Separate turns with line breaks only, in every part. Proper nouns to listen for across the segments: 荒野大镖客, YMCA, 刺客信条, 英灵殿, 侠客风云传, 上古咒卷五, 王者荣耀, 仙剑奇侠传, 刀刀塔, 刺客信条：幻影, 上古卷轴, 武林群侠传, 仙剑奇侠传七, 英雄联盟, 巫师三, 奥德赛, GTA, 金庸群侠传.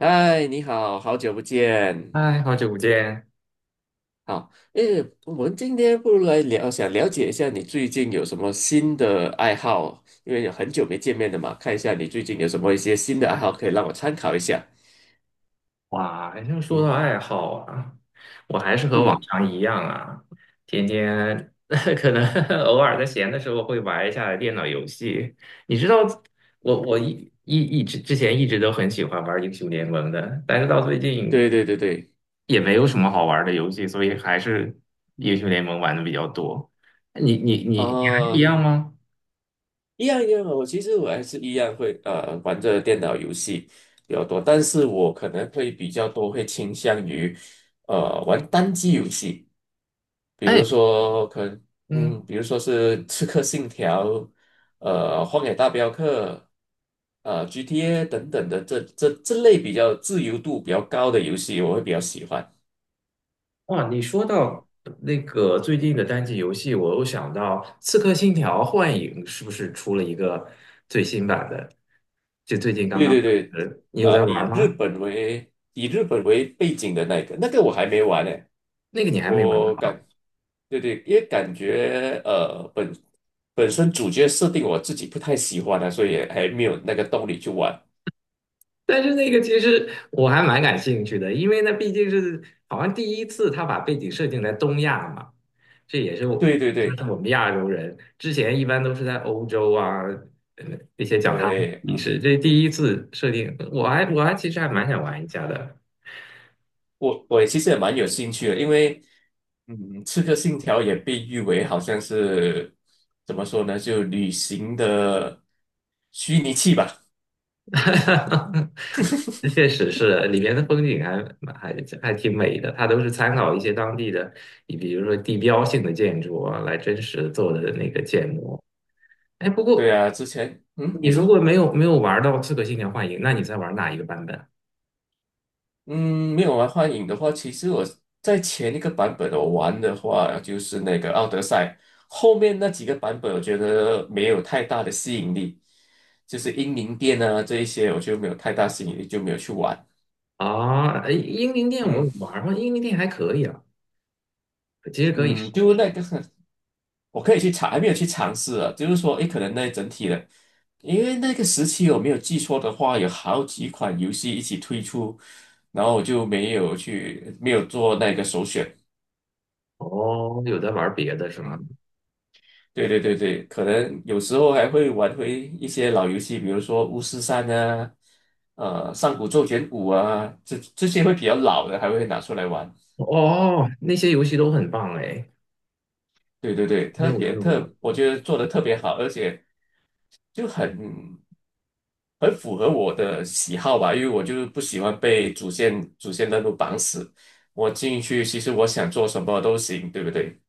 嗨，你好，好久不见。
嗨，好久不见！
好，诶，我们今天不如来聊，想了解一下你最近有什么新的爱好，因为有很久没见面了嘛，看一下你最近有什么一些新的爱好可以让我参考一下。
哇，要说到
嗯。
爱好啊，我还是和往
嗯。
常一样啊，天天 可能 偶尔在闲的时候会玩一下电脑游戏。你知道，
嗯
我
哼。
我一一一直之前一直都很喜欢玩英雄联盟的，但是到最近
对对对对。
也没有什么好玩的游戏，所以还是英雄联盟玩的比较多。你还是一
呃，
样吗？
一样一样的，我其实还是一样会玩着电脑游戏比较多，但是我可能会比较多会倾向于玩单机游戏。比如
哎。
说可能
嗯
比如说是《刺客信条》、《荒野大镖客》、GTA 等等的这类比较自由度比较高的游戏，我会比较喜欢。
啊，你说
嗯。
到那个最近的单机游戏，我又想到《刺客信条：幻影》是不是出了一个最新版的？就最近刚
对
刚，
对对。
呃，你有在玩
以日
吗？
本为以日本为背景的那个，那个我还没玩呢。
那个你还没玩
我
到，
感，对对，因为感觉本身主角设定我自己不太喜欢啊，所以还没有那个动力去玩。
但是那个其实我还蛮感兴趣的，因为那毕竟是好像第一次他把背景设定在东亚嘛，这也是我，
对对
他
对
是我们亚洲人，之前一般都是在欧洲啊，呃那些讲他们的
对
历
啊，
史，这第一次设定，我还其实还蛮想玩一下的。
我也其实也蛮有兴趣的，因为嗯，《刺客信条》也被誉为好像是怎么说呢，就旅行的虚拟器吧。
确实是，里面的风景还蛮还还挺美的，它都是参考一些当地的，你比如说地标性的建筑啊，来真实做的那个建模。哎，不
对
过
啊，之前
你
你
如果
说。
没有玩到《刺客信条：幻影》，那你在玩哪一个版本
嗯，没有玩幻影的话，其实我在前一个版本我玩的话就是那个《奥德赛》，后面那几个版本我觉得没有太大的吸引力，就是英灵殿啊这一些我就没有太大吸引力，就没有去玩。
啊？哎，英灵殿我
嗯。
有玩过，英灵殿还可以啊，其实可以
嗯，
试。
就那个 我可以去尝，还没有去尝试啊。就是说，诶，可能那整体的，因为那个时期我没有记错的话，有好几款游戏一起推出，然后我就没有去，没有做那个首选。
哦，有在玩别的是吧？
嗯，对对对对，可能有时候还会玩回一些老游戏，比如说《巫师三》啊，《上古咒卷五》啊，这些会比较老的，还会拿出来玩。
哦，那些游戏都很棒哎，
对对对，
因
特
为我就没
别
有玩
特，我
过。
觉得做的特别好，而且。就很符合我的喜好吧，因为我就是不喜欢被主线任务绑死。我进去，其实我想做什么都行，对不对？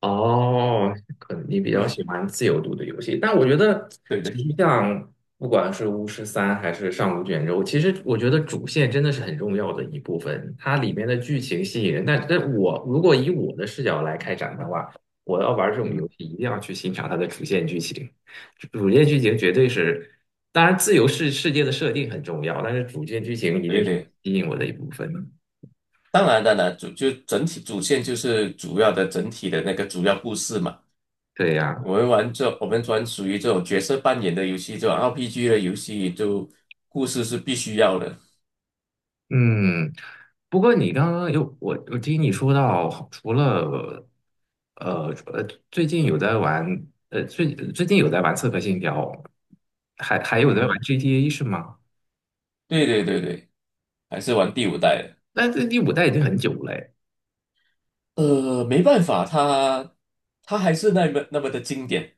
哦，可能你比较喜
嗯。
欢自由度的游戏，但我觉得
对
其
对。
实像不管是巫师三还是上古卷轴，其实我觉得主线真的是很重要的一部分，它里面的剧情吸引人。但我如果以我的视角来开展的话，我要玩这种游
嗯。
戏一定要去欣赏它的主线剧情，主线剧情绝对是，当然自由界的设定很重要，但是主线剧情一
对
定是
对。
吸引我的一部分。
当然，当然，就整体主线就是主要的整体的那个主要故事嘛。
对呀。
我们玩这，我们专属于这种角色扮演的游戏，这种 RPG 的游戏，就故事是必须要的。
嗯，不过你刚刚有我，我听你说到，除了最近有在玩，最近有在玩《刺客信条》，还有在玩
嗯，
GTA 是吗？
对对对对，还是玩第五代的。
那这第五代已经很久了诶，
没办法，它还是那么那么的经典，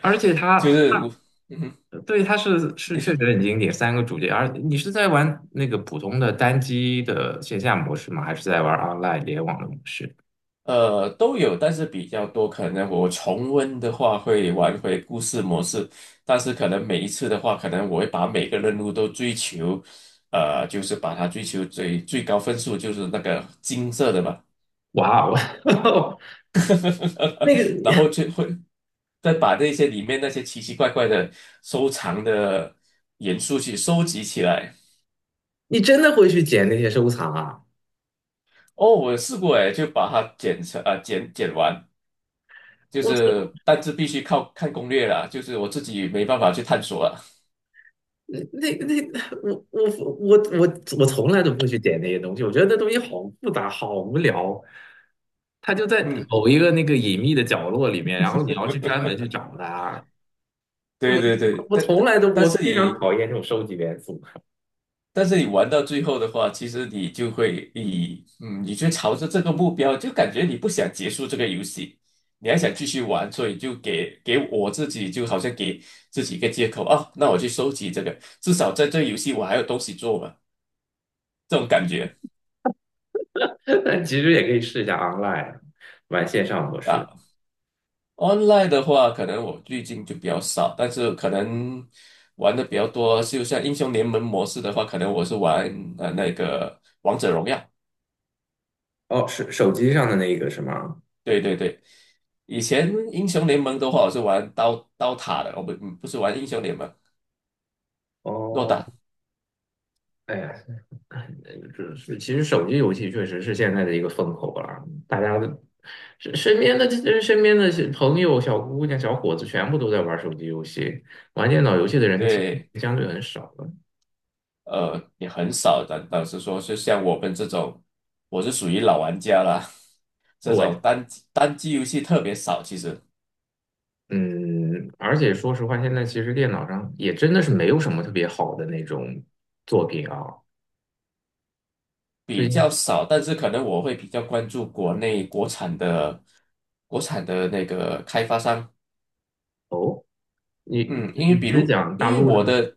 而且它，
就是我。嗯哼。
对，它是
你
确
说。
实很经典，三个主角。而你是在玩那个普通的单机的线下模式吗？还是在玩 online 联网的模式？
都有，但是比较多，可能我重温的话会玩回故事模式，但是可能每一次的话，可能我会把每个任务都追求，就是把它追求最最高分数，就是那个金色的嘛，
哇哦。那个
然后就会再把那些里面那些奇奇怪怪的收藏的元素去收集起来。
你真的会去捡那些收藏啊？
哦，我有试过哎，就把它剪成啊、剪剪完，就
我
是但是必须靠看攻略啦，就是我自己没办法去探索了。
那那那我我我我我从来都不会去点那些东西，我觉得那东西好复杂，好无聊。它就在
嗯。
某一个那个隐秘的角落里面，然后你要去专门去找它。
对对
我
对，
我从来都我非常讨厌这种收集元素。
但是你玩到最后的话，其实你就会以嗯，你就朝着这个目标，就感觉你不想结束这个游戏，你还想继续玩，所以就给我自己就好像给自己一个借口啊，那我去收集这个，至少在这个游戏我还有东西做嘛，这种感觉。
但其实也可以试一下 online 玩线上模式。
啊。online 的话，可能我最近就比较少，但是可能玩的比较多，就像英雄联盟模式的话，可能我是玩那个王者荣耀。
哦，是手机上的那个是吗？
对对对，以前英雄联盟的话，我是玩刀塔的，我不是玩英雄联盟，诺
哦，
打。
哎呀。这是其实手机游戏确实是现在的一个风口啊，大家的身边的朋友、小姑娘、小伙子全部都在玩手机游戏，玩电脑游戏的人其
对，
实相对很少了。
也很少的。老实说，就像我们这种，我是属于老玩家啦，这
我
种单机游戏特别少，其实。
嗯，而且说实话，现在其实电脑上也真的是没有什么特别好的那种作品啊。对。
比较少，但是可能我会比较关注国内国产的国产的那个开发商，
哦，你
嗯，
你是讲大
因为
陆的
我
吗？
的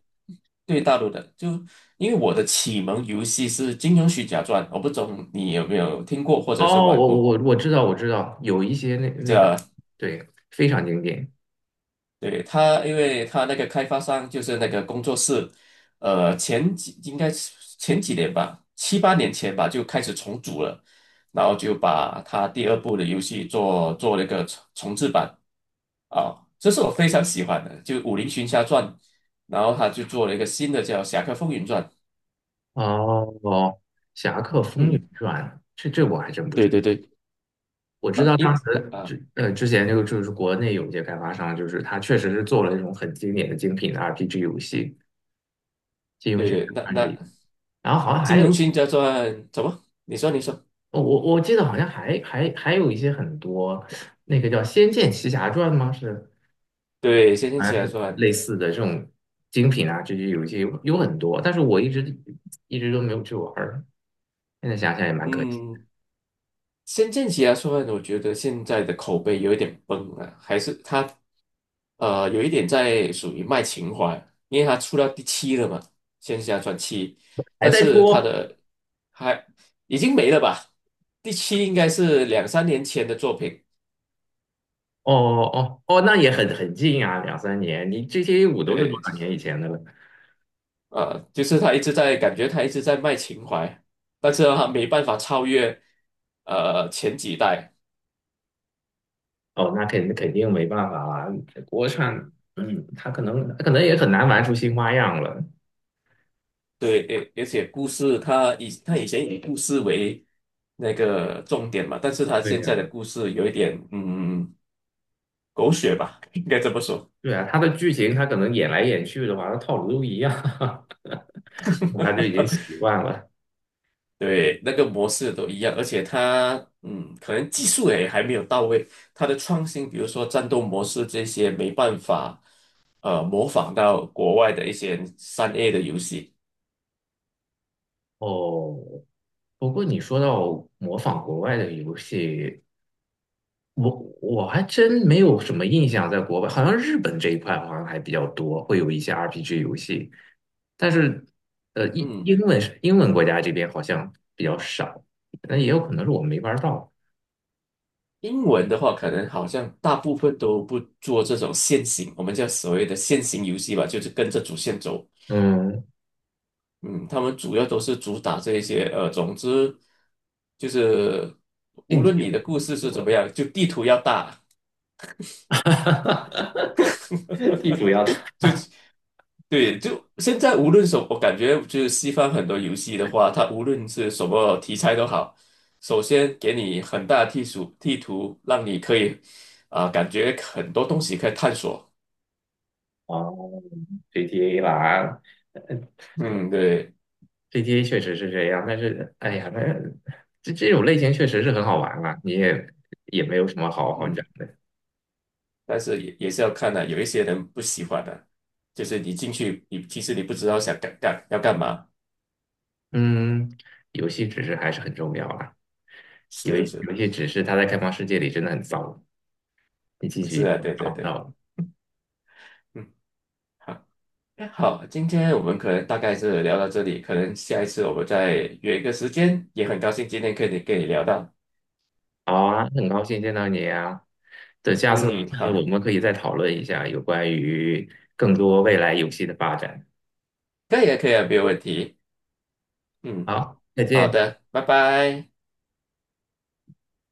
对大陆的，就因为我的启蒙游戏是《金庸群侠传》，我不懂你有没有听过或者是
哦，
玩
我
过
我我知道我知道，有一些那个，
这
对，非常经典。
对，他，因为他那个开发商就是那个工作室，应该是前几年吧，七八年前吧，就开始重组了，然后就把他第二部的游戏做了一个重制版啊，这是我非常喜欢的，就《武林群侠传》，然后他就做了一个新的叫《侠客风云传》，
哦，《侠客风云
嗯，
传》，这我还真不
对
知道。
对对，
我知
啊，
道当时
啊，
之前就是国内有一些开发商，就是他确实是做了那种很经典的精品的 RPG 游戏，《金庸
对
群侠
对，那
传》是
那
一，然后好像
《金
还有
庸群侠传》怎么？你说你说，
我记得好像还有一些很多那个叫《仙剑奇侠传》吗？是
对，《仙剑
好
奇
像
侠
是
传》，
类似的这种精品啊，这些游戏有很多，但是我一直都没有去玩儿，现在想想也蛮可惜的，
嗯。《仙剑奇侠传》，我觉得现在的口碑有一点崩啊，还是他有一点在属于卖情怀，因为他出到第七了嘛，《仙剑奇侠传七》，
还
但
在
是他
出。
的还已经没了吧？第七应该是两三年前的作品，
哦哦哦，那也很近啊，两三年。你这些 a 五都是多
对，
少年以前的了？
就是他一直在感觉他一直在卖情怀，但是他没办法超越，前几代。
哦，那肯定没办法啊。国产，嗯，他可能也很难玩出新花样了。
对，而而且故事它以它以前以故事为那个重点嘛，但是它
对
现在的
呀，
故事有一点狗血吧，应该这么说。
对啊，他的剧情他可能演来演去的话，他套路都一样。他就已经习惯了。
对，那个模式都一样，而且它嗯，可能技术也还没有到位，它的创新，比如说战斗模式这些，没办法模仿到国外的一些3A 的游戏。
哦，不过你说到模仿国外的游戏，我我还真没有什么印象，在国外好像日本这一块好像还比较多，会有一些 RPG 游戏，但是
嗯。
英文国家这边好像比较少，那也有可能是我没玩到。
英文的话，可能好像大部分都不做这种线行，我们叫所谓的线行游戏吧，就是跟着主线走。
嗯。
嗯，他们主要都是主打这一些，总之就是呃无
竞技
论
游
你的故事是怎
戏。
么样，就地图要大，
地主要。
就对，就现在无论什么，我感觉就是西方很多游戏的话，它无论是什么题材都好，首先给你很大的地图，让你可以啊、感觉很多东西可以探索。
哦，GTA 吧，
嗯，对，
GTA 确实是这样，但是哎呀，那这种类型确实是很好玩啊，你也没有什么好好
嗯。
讲。的。
但是也是要看的、有一些人不喜欢的、就是你进去，你其实不知道想干干要干嘛，
嗯，游戏知识还是很重要啦，有
是
游
是
有一些知识它在开放世界里真的很糟，你进去以
是
后
啊，对对
找不到
对，
了。
嗯，好，那好，今天我们可能大概是聊到这里，可能下一次我们再约一个时间，也很高兴今天可以跟你聊到，
好啊，很高兴见到你啊，等下次
嗯，
下次我
好，
们可以再讨论一下有关于更多未来游戏的发展。
可以啊，可以啊，没有问题，嗯，
好，再
好
见。
的，拜拜。